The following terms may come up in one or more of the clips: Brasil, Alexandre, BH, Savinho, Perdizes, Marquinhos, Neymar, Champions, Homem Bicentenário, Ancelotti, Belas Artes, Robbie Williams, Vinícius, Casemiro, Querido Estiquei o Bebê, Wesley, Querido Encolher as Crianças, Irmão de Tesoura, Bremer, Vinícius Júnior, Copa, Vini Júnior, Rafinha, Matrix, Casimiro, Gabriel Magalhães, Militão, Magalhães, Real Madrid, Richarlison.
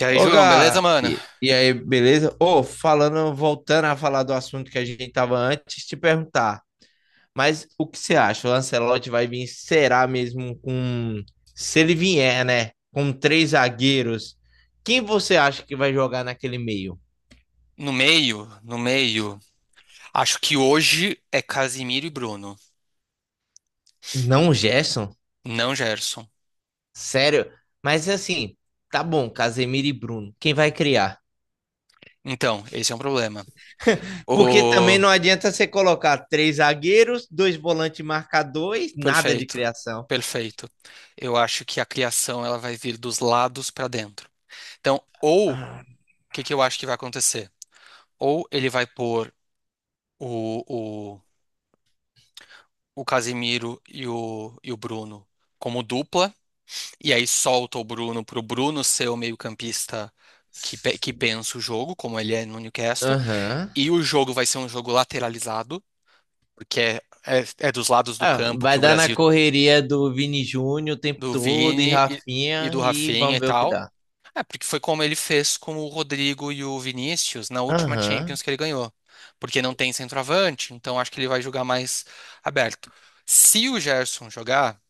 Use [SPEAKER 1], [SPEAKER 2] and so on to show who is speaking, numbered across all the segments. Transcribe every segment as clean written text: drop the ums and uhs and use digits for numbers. [SPEAKER 1] E aí,
[SPEAKER 2] Ô,
[SPEAKER 1] João, beleza,
[SPEAKER 2] Gá,
[SPEAKER 1] mano?
[SPEAKER 2] e aí, beleza? Ô, falando, voltando a falar do assunto que a gente tava antes, te perguntar, mas o que você acha? O Ancelotti vai vir, será mesmo com, se ele vier, né, com três zagueiros, quem você acha que vai jogar naquele meio?
[SPEAKER 1] No meio, no meio. Acho que hoje é Casimiro e Bruno,
[SPEAKER 2] Não o Gerson?
[SPEAKER 1] não Gerson.
[SPEAKER 2] Sério? Mas assim, tá bom, Casemiro e Bruno, quem vai criar?
[SPEAKER 1] Então, esse é um problema.
[SPEAKER 2] Porque também
[SPEAKER 1] O
[SPEAKER 2] não adianta você colocar três zagueiros, dois volantes marcadores, nada de
[SPEAKER 1] perfeito,
[SPEAKER 2] criação.
[SPEAKER 1] perfeito. Eu acho que a criação ela vai vir dos lados pra dentro. Então, ou o que que eu acho que vai acontecer? Ou ele vai pôr o, o, o Casimiro e o Bruno como dupla. E aí solta o Bruno pro Bruno ser o meio-campista que, que
[SPEAKER 2] Ah.
[SPEAKER 1] pensa o jogo, como ele é no Newcastle.
[SPEAKER 2] Aham.
[SPEAKER 1] E o jogo vai ser um jogo lateralizado, porque é dos lados do
[SPEAKER 2] Ah,
[SPEAKER 1] campo que
[SPEAKER 2] vai
[SPEAKER 1] o
[SPEAKER 2] dar na
[SPEAKER 1] Brasil,
[SPEAKER 2] correria do Vini Júnior o tempo
[SPEAKER 1] do
[SPEAKER 2] todo e
[SPEAKER 1] Vini e
[SPEAKER 2] Rafinha
[SPEAKER 1] do
[SPEAKER 2] e
[SPEAKER 1] Rafinha
[SPEAKER 2] vamos
[SPEAKER 1] e
[SPEAKER 2] ver o que
[SPEAKER 1] tal.
[SPEAKER 2] dá.
[SPEAKER 1] É, porque foi como ele fez com o Rodrigo e o Vinícius na última Champions
[SPEAKER 2] Aham.
[SPEAKER 1] que ele ganhou. Porque não tem centroavante, então acho que ele vai jogar mais aberto. Se o Gerson jogar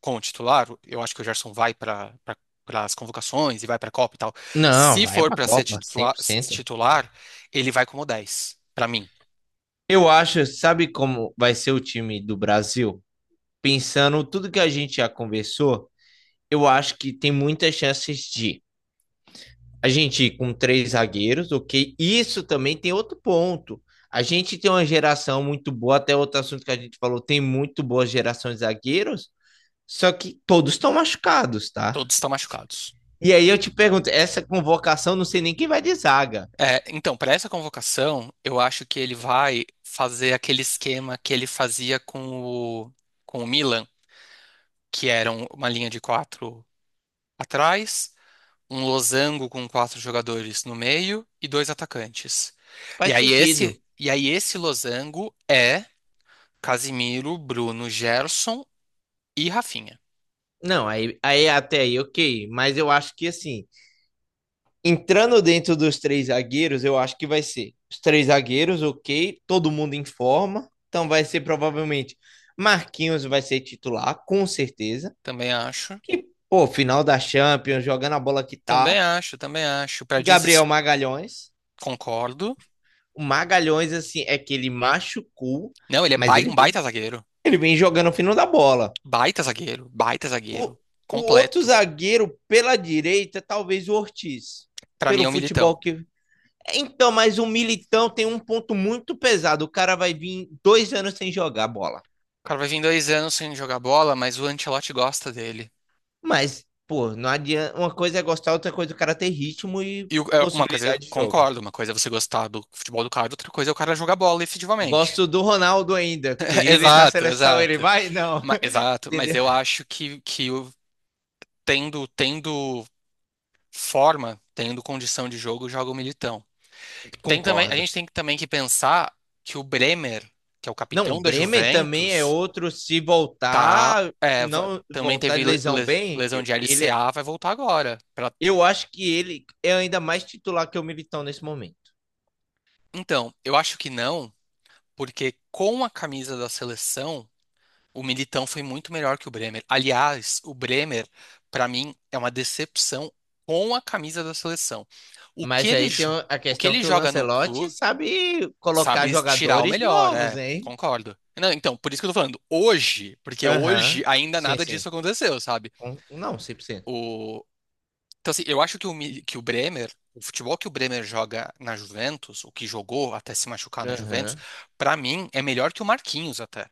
[SPEAKER 1] como titular, eu acho que o Gerson vai para para as convocações e vai para a Copa e tal.
[SPEAKER 2] Não,
[SPEAKER 1] Se
[SPEAKER 2] vai
[SPEAKER 1] for
[SPEAKER 2] pra
[SPEAKER 1] para ser
[SPEAKER 2] Copa, cem
[SPEAKER 1] titular,
[SPEAKER 2] por cento
[SPEAKER 1] titular, ele vai como dez para mim.
[SPEAKER 2] Eu acho, sabe como vai ser o time do Brasil? Pensando tudo que a gente já conversou, eu acho que tem muitas chances de a gente ir com três zagueiros, ok? Isso também tem outro ponto. A gente tem uma geração muito boa, até outro assunto que a gente falou, tem muito boa geração de zagueiros. Só que todos estão machucados, tá?
[SPEAKER 1] Todos estão machucados.
[SPEAKER 2] E aí eu te pergunto, essa convocação não sei nem quem vai de zaga.
[SPEAKER 1] É, então, para essa convocação, eu acho que ele vai fazer aquele esquema que ele fazia com o, com o Milan, que era uma linha de quatro atrás, um losango com quatro jogadores no meio e dois atacantes. E
[SPEAKER 2] Faz
[SPEAKER 1] aí esse,
[SPEAKER 2] sentido.
[SPEAKER 1] e aí esse losango é Casimiro, Bruno, Gerson e Rafinha.
[SPEAKER 2] Não, aí, até aí, ok. Mas eu acho que assim, entrando dentro dos três zagueiros, eu acho que vai ser os três zagueiros, ok. Todo mundo em forma. Então vai ser provavelmente Marquinhos vai ser titular, com certeza.
[SPEAKER 1] Também acho.
[SPEAKER 2] E, pô, final da Champions, jogando a bola que
[SPEAKER 1] Também
[SPEAKER 2] tá.
[SPEAKER 1] acho, também acho.
[SPEAKER 2] Gabriel
[SPEAKER 1] Perdizes,
[SPEAKER 2] Magalhães.
[SPEAKER 1] concordo.
[SPEAKER 2] O Magalhães, assim, é que ele machucou,
[SPEAKER 1] Não, ele é
[SPEAKER 2] mas ele
[SPEAKER 1] um
[SPEAKER 2] vem
[SPEAKER 1] baita zagueiro.
[SPEAKER 2] Ele vem jogando o fino da bola.
[SPEAKER 1] Baita zagueiro, baita
[SPEAKER 2] O,
[SPEAKER 1] zagueiro.
[SPEAKER 2] o outro
[SPEAKER 1] Completo.
[SPEAKER 2] zagueiro pela direita, talvez o Ortiz,
[SPEAKER 1] Pra mim
[SPEAKER 2] pelo
[SPEAKER 1] é um militão.
[SPEAKER 2] futebol que. Então, mas o Militão tem um ponto muito pesado. O cara vai vir 2 anos sem jogar bola.
[SPEAKER 1] O cara vai vir dois anos sem jogar bola, mas o Ancelotti gosta dele.
[SPEAKER 2] Mas, pô, não adianta. Uma coisa é gostar, outra coisa é o cara ter ritmo e
[SPEAKER 1] É, uma coisa, eu
[SPEAKER 2] possibilidade de jogo.
[SPEAKER 1] concordo, uma coisa é você gostar do futebol do cara, outra coisa é o cara jogar bola efetivamente.
[SPEAKER 2] Gosto do Ronaldo ainda. Queria ele na
[SPEAKER 1] Exato,
[SPEAKER 2] seleção, ele
[SPEAKER 1] exato.
[SPEAKER 2] vai? Não.
[SPEAKER 1] Exato, mas
[SPEAKER 2] Entendeu?
[SPEAKER 1] eu acho que, tendo, tendo forma, tendo condição de jogo, joga o Militão. Tem também, a
[SPEAKER 2] Concordo.
[SPEAKER 1] gente tem também que pensar que o Bremer, que é o
[SPEAKER 2] Não, o
[SPEAKER 1] capitão da
[SPEAKER 2] Bremer também é
[SPEAKER 1] Juventus,
[SPEAKER 2] outro. Se
[SPEAKER 1] tá,
[SPEAKER 2] voltar,
[SPEAKER 1] é,
[SPEAKER 2] não
[SPEAKER 1] também
[SPEAKER 2] voltar
[SPEAKER 1] teve
[SPEAKER 2] de lesão bem,
[SPEAKER 1] lesão de LCA, vai voltar agora.
[SPEAKER 2] eu acho que ele é ainda mais titular que o Militão nesse momento.
[SPEAKER 1] Então, eu acho que não, porque com a camisa da seleção, o Militão foi muito melhor que o Bremer. Aliás, o Bremer, pra mim, é uma decepção com a camisa da seleção. O que
[SPEAKER 2] Mas aí tem a
[SPEAKER 1] o que
[SPEAKER 2] questão
[SPEAKER 1] ele
[SPEAKER 2] que o
[SPEAKER 1] joga no
[SPEAKER 2] Lancelotti
[SPEAKER 1] clube,
[SPEAKER 2] sabe colocar
[SPEAKER 1] sabe tirar o
[SPEAKER 2] jogadores
[SPEAKER 1] melhor,
[SPEAKER 2] novos,
[SPEAKER 1] é,
[SPEAKER 2] hein?
[SPEAKER 1] concordo. Não, então, por isso que eu tô falando hoje, porque hoje
[SPEAKER 2] Aham.
[SPEAKER 1] ainda
[SPEAKER 2] Sim,
[SPEAKER 1] nada disso
[SPEAKER 2] sim.
[SPEAKER 1] aconteceu, sabe?
[SPEAKER 2] Não, 100%.
[SPEAKER 1] O... Então, assim, eu acho que que o Bremer, o futebol que o Bremer joga na Juventus, o que jogou até se machucar na Juventus,
[SPEAKER 2] Aham.
[SPEAKER 1] pra mim é melhor que o Marquinhos até.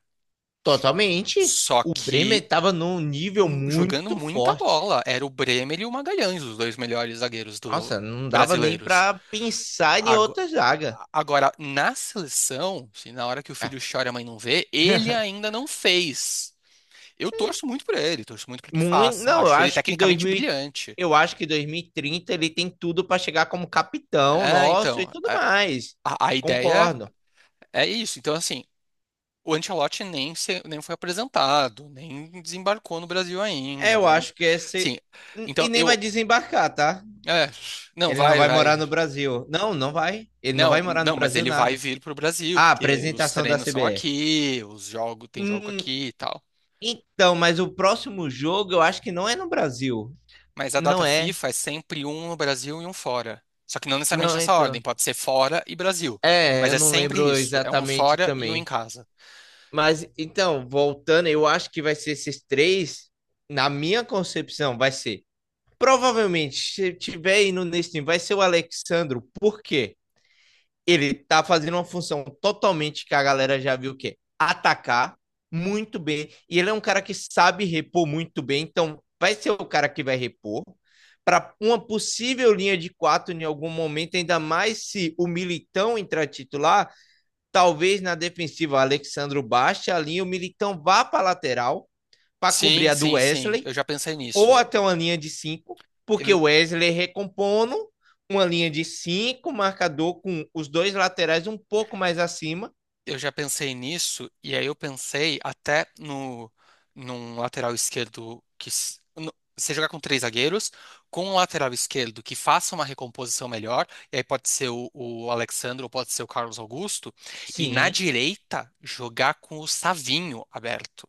[SPEAKER 2] Totalmente.
[SPEAKER 1] Só
[SPEAKER 2] O Bremer
[SPEAKER 1] que
[SPEAKER 2] estava num nível
[SPEAKER 1] jogando
[SPEAKER 2] muito
[SPEAKER 1] muita
[SPEAKER 2] forte.
[SPEAKER 1] bola, era o Bremer e o Magalhães, os dois melhores zagueiros do
[SPEAKER 2] Nossa, não dava nem
[SPEAKER 1] brasileiros.
[SPEAKER 2] para pensar em outra zaga.
[SPEAKER 1] Agora, na seleção, se na hora que o
[SPEAKER 2] Ah,
[SPEAKER 1] filho chora e a mãe não vê, ele ainda não fez. Eu torço muito por ele, torço muito para que
[SPEAKER 2] muito,
[SPEAKER 1] faça.
[SPEAKER 2] não,
[SPEAKER 1] Acho ele
[SPEAKER 2] eu acho que
[SPEAKER 1] tecnicamente
[SPEAKER 2] 2000, e-
[SPEAKER 1] brilhante.
[SPEAKER 2] eu acho que 2030 ele tem tudo para chegar como capitão
[SPEAKER 1] É,
[SPEAKER 2] nosso e
[SPEAKER 1] então,
[SPEAKER 2] tudo mais.
[SPEAKER 1] a ideia
[SPEAKER 2] Concordo.
[SPEAKER 1] é isso. Então, assim, o Ancelotti nem, nem foi apresentado, nem desembarcou no Brasil
[SPEAKER 2] É,
[SPEAKER 1] ainda.
[SPEAKER 2] eu
[SPEAKER 1] Não,
[SPEAKER 2] acho que esse
[SPEAKER 1] sim,
[SPEAKER 2] e
[SPEAKER 1] então
[SPEAKER 2] nem vai
[SPEAKER 1] eu.
[SPEAKER 2] desembarcar, tá?
[SPEAKER 1] É, não,
[SPEAKER 2] Ele não
[SPEAKER 1] vai,
[SPEAKER 2] vai morar
[SPEAKER 1] vai.
[SPEAKER 2] no Brasil. Não, não vai. Ele não vai
[SPEAKER 1] Não,
[SPEAKER 2] morar no
[SPEAKER 1] não, mas
[SPEAKER 2] Brasil
[SPEAKER 1] ele vai
[SPEAKER 2] nada.
[SPEAKER 1] vir para o Brasil,
[SPEAKER 2] Ah,
[SPEAKER 1] porque os
[SPEAKER 2] apresentação da
[SPEAKER 1] treinos são
[SPEAKER 2] CBE.
[SPEAKER 1] aqui, os jogos, tem jogo
[SPEAKER 2] Hum,
[SPEAKER 1] aqui e tal.
[SPEAKER 2] então, mas o próximo jogo eu acho que não é no Brasil.
[SPEAKER 1] Mas a
[SPEAKER 2] Não
[SPEAKER 1] data
[SPEAKER 2] é.
[SPEAKER 1] FIFA é sempre um no Brasil e um fora. Só que não necessariamente
[SPEAKER 2] Não,
[SPEAKER 1] nessa ordem,
[SPEAKER 2] então.
[SPEAKER 1] pode ser fora e Brasil.
[SPEAKER 2] É,
[SPEAKER 1] Mas
[SPEAKER 2] eu
[SPEAKER 1] é
[SPEAKER 2] não
[SPEAKER 1] sempre
[SPEAKER 2] lembro
[SPEAKER 1] isso, é um
[SPEAKER 2] exatamente
[SPEAKER 1] fora e um em
[SPEAKER 2] também.
[SPEAKER 1] casa.
[SPEAKER 2] Mas então, voltando, eu acho que vai ser esses três, na minha concepção, vai ser. Provavelmente, se tiver indo nesse time, vai ser o Alexandro, porque ele tá fazendo uma função totalmente que a galera já viu que é atacar muito bem. E ele é um cara que sabe repor muito bem, então vai ser o cara que vai repor para uma possível linha de quatro em algum momento, ainda mais se o Militão entrar titular. Talvez na defensiva, o Alexandro baixe a linha, o Militão vá para a lateral para cobrir
[SPEAKER 1] Sim,
[SPEAKER 2] a do
[SPEAKER 1] sim, sim,
[SPEAKER 2] Wesley
[SPEAKER 1] eu já pensei nisso.
[SPEAKER 2] ou até uma linha de cinco, porque
[SPEAKER 1] Eu,
[SPEAKER 2] o Wesley recompondo uma linha de 5 marcador com os dois laterais um pouco mais acima.
[SPEAKER 1] eu já pensei nisso, e aí eu pensei até no, num lateral esquerdo que. Você jogar com três zagueiros, com um lateral esquerdo que faça uma recomposição melhor, e aí pode ser o Alexandre ou pode ser o Carlos Augusto, e na
[SPEAKER 2] Sim,
[SPEAKER 1] direita jogar com o Savinho aberto.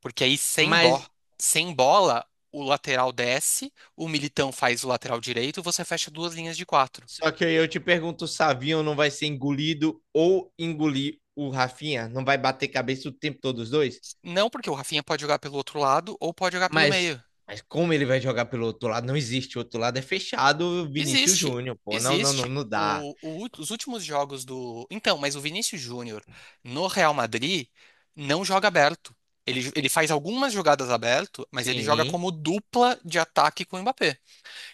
[SPEAKER 1] Porque aí
[SPEAKER 2] mas
[SPEAKER 1] sem bola, o lateral desce, o Militão faz o lateral direito, você fecha duas linhas de quatro.
[SPEAKER 2] só que eu te pergunto, o Savinho não vai ser engolido ou engolir o Rafinha? Não vai bater cabeça o tempo todo os dois?
[SPEAKER 1] Não porque o Rafinha pode jogar pelo outro lado ou pode jogar pelo
[SPEAKER 2] Mas,
[SPEAKER 1] meio.
[SPEAKER 2] mas como ele vai jogar pelo outro lado? Não existe. O outro lado é fechado, Vinícius
[SPEAKER 1] Existe,
[SPEAKER 2] Júnior, pô. Não, não, não,
[SPEAKER 1] existe.
[SPEAKER 2] não dá.
[SPEAKER 1] Os últimos jogos do. Então, mas o Vinícius Júnior no Real Madrid não joga aberto. Ele faz algumas jogadas aberto, mas ele joga
[SPEAKER 2] Sim.
[SPEAKER 1] como dupla de ataque com o Mbappé.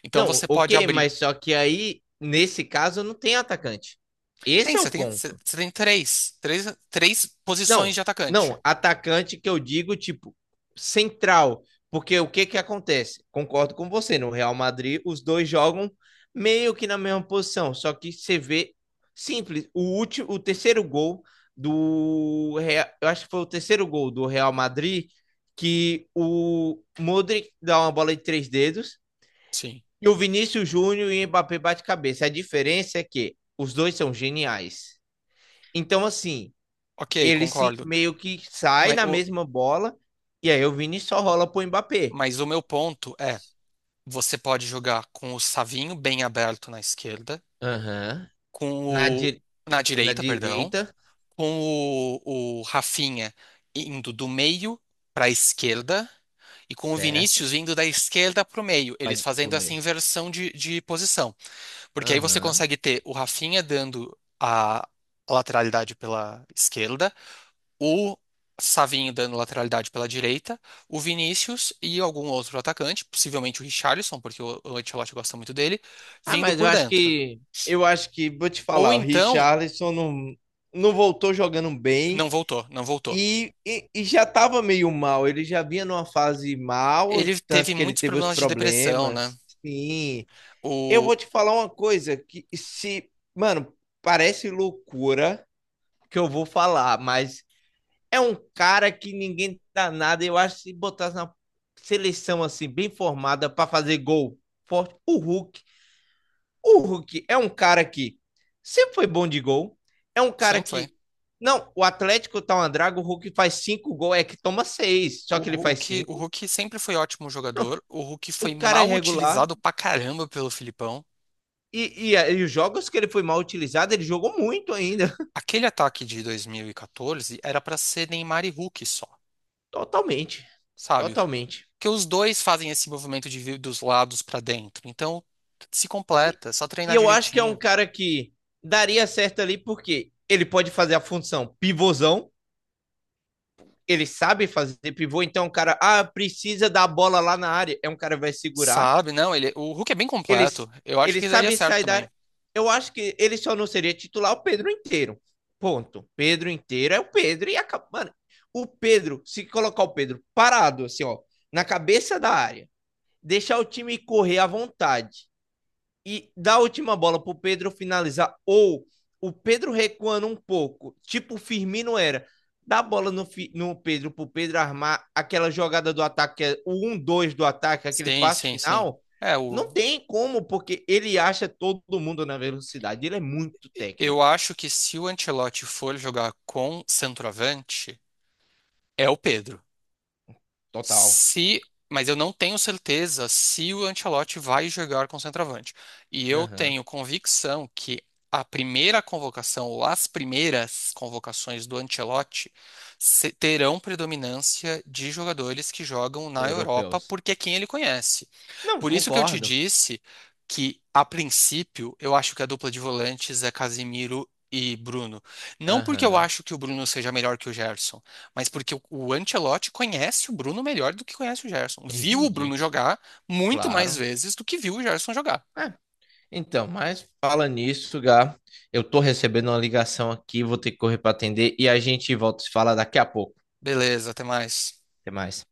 [SPEAKER 1] Então
[SPEAKER 2] Não,
[SPEAKER 1] você pode
[SPEAKER 2] ok,
[SPEAKER 1] abrir.
[SPEAKER 2] mas só que aí, nesse caso, não tem atacante.
[SPEAKER 1] Tem,
[SPEAKER 2] Esse é
[SPEAKER 1] você
[SPEAKER 2] o
[SPEAKER 1] tem, você
[SPEAKER 2] ponto.
[SPEAKER 1] tem três posições de
[SPEAKER 2] Não,
[SPEAKER 1] atacante.
[SPEAKER 2] não, atacante que eu digo, tipo, central. Porque o que que acontece? Concordo com você, no Real Madrid os dois jogam meio que na mesma posição, só que você vê simples, o último, o terceiro gol do Real, eu acho que foi o terceiro gol do Real Madrid que o Modric dá uma bola de três dedos
[SPEAKER 1] Sim.
[SPEAKER 2] e o Vinícius Júnior e o Mbappé bate cabeça. A diferença é que os dois são geniais. Então assim,
[SPEAKER 1] Ok,
[SPEAKER 2] ele se
[SPEAKER 1] concordo.
[SPEAKER 2] meio que sai
[SPEAKER 1] Mas
[SPEAKER 2] na
[SPEAKER 1] o,
[SPEAKER 2] mesma bola e aí o Vini só rola pro Mbappé.
[SPEAKER 1] mas o meu ponto é, você pode jogar com o Savinho bem aberto na esquerda,
[SPEAKER 2] Aham. Na,
[SPEAKER 1] com o,
[SPEAKER 2] di
[SPEAKER 1] na
[SPEAKER 2] na
[SPEAKER 1] direita, perdão,
[SPEAKER 2] direita,
[SPEAKER 1] o Rafinha indo do meio para a esquerda e com o
[SPEAKER 2] certo?
[SPEAKER 1] Vinícius vindo da esquerda para o meio, eles
[SPEAKER 2] Pode pro
[SPEAKER 1] fazendo essa
[SPEAKER 2] meio.
[SPEAKER 1] inversão de posição. Porque aí você
[SPEAKER 2] Aham.
[SPEAKER 1] consegue ter o Rafinha dando a lateralidade pela esquerda, o Savinho dando lateralidade pela direita, o Vinícius e algum outro atacante, possivelmente o Richarlison, porque o Ancelotti gosta muito dele,
[SPEAKER 2] Ah,
[SPEAKER 1] vindo
[SPEAKER 2] mas eu
[SPEAKER 1] por
[SPEAKER 2] acho
[SPEAKER 1] dentro.
[SPEAKER 2] que vou te
[SPEAKER 1] Ou
[SPEAKER 2] falar, o
[SPEAKER 1] então,
[SPEAKER 2] Richarlison não voltou jogando bem
[SPEAKER 1] não voltou, não voltou.
[SPEAKER 2] e já tava meio mal, ele já vinha numa fase mal,
[SPEAKER 1] Ele
[SPEAKER 2] tanto
[SPEAKER 1] teve
[SPEAKER 2] que ele
[SPEAKER 1] muitos
[SPEAKER 2] teve os
[SPEAKER 1] problemas de depressão, né?
[SPEAKER 2] problemas. Sim. Eu
[SPEAKER 1] O
[SPEAKER 2] vou te falar uma coisa que se, mano, parece loucura, que eu vou falar, mas é um cara que ninguém dá nada. Eu acho que se botasse na seleção assim, bem formada, para fazer gol forte, o Hulk. O Hulk é um cara que sempre foi bom de gol. É um cara
[SPEAKER 1] sempre foi.
[SPEAKER 2] que. Não, o Atlético tá uma draga, o Hulk faz cinco gols, é que toma seis, só que ele faz
[SPEAKER 1] O
[SPEAKER 2] cinco.
[SPEAKER 1] Hulk sempre foi ótimo jogador. O Hulk
[SPEAKER 2] O
[SPEAKER 1] foi
[SPEAKER 2] cara é
[SPEAKER 1] mal
[SPEAKER 2] regular.
[SPEAKER 1] utilizado pra caramba pelo Filipão.
[SPEAKER 2] E os jogos que ele foi mal utilizado, ele jogou muito ainda.
[SPEAKER 1] Aquele ataque de 2014 era pra ser Neymar e Hulk só.
[SPEAKER 2] Totalmente.
[SPEAKER 1] Sabe?
[SPEAKER 2] Totalmente.
[SPEAKER 1] Porque os dois fazem esse movimento de vir dos lados pra dentro. Então, se
[SPEAKER 2] E
[SPEAKER 1] completa, é só treinar
[SPEAKER 2] eu acho que é um
[SPEAKER 1] direitinho.
[SPEAKER 2] cara que daria certo ali, porque ele pode fazer a função pivôzão, ele sabe fazer pivô, então o cara, ah, precisa da bola lá na área, é um cara que vai segurar,
[SPEAKER 1] Sabe? Não, ele, o Hulk é bem
[SPEAKER 2] ele,
[SPEAKER 1] completo. Eu acho
[SPEAKER 2] ele
[SPEAKER 1] que daria
[SPEAKER 2] sabe
[SPEAKER 1] certo
[SPEAKER 2] sair da
[SPEAKER 1] também.
[SPEAKER 2] área. Eu acho que ele só não seria titular o Pedro inteiro. Ponto. Pedro inteiro é o Pedro e acaba. Mano, o Pedro, se colocar o Pedro parado, assim, ó, na cabeça da área, deixar o time correr à vontade, e dá a última bola para o Pedro finalizar, ou o Pedro recuando um pouco, tipo o Firmino era, dá a bola no Pedro para o Pedro armar aquela jogada do ataque, o 1-2 do ataque, aquele
[SPEAKER 1] Sim,
[SPEAKER 2] passo
[SPEAKER 1] sim, sim.
[SPEAKER 2] final,
[SPEAKER 1] É,
[SPEAKER 2] não
[SPEAKER 1] o,
[SPEAKER 2] tem como, porque ele acha todo mundo na velocidade, ele é muito
[SPEAKER 1] eu
[SPEAKER 2] técnico.
[SPEAKER 1] acho que se o Ancelotti for jogar com centroavante, é o Pedro.
[SPEAKER 2] Total.
[SPEAKER 1] Se, mas eu não tenho certeza se o Ancelotti vai jogar com centroavante. E eu
[SPEAKER 2] Uhum.
[SPEAKER 1] tenho convicção que a primeira convocação ou as primeiras convocações do Ancelotti terão predominância de jogadores que jogam na Europa,
[SPEAKER 2] Europeus.
[SPEAKER 1] porque é quem ele conhece.
[SPEAKER 2] Não,
[SPEAKER 1] Por isso que eu te
[SPEAKER 2] concordo.
[SPEAKER 1] disse que, a princípio, eu acho que a dupla de volantes é Casimiro e Bruno. Não porque
[SPEAKER 2] Aham.
[SPEAKER 1] eu
[SPEAKER 2] Uhum.
[SPEAKER 1] acho que o Bruno seja melhor que o Gerson, mas porque o Ancelotti conhece o Bruno melhor do que conhece o Gerson. Viu o Bruno
[SPEAKER 2] Entendi.
[SPEAKER 1] jogar muito mais
[SPEAKER 2] Claro.
[SPEAKER 1] vezes do que viu o Gerson jogar.
[SPEAKER 2] É, então, mas fala nisso, Gá. Eu tô recebendo uma ligação aqui, vou ter que correr para atender e a gente volta a se falar daqui a pouco.
[SPEAKER 1] Beleza, até mais.
[SPEAKER 2] Até mais.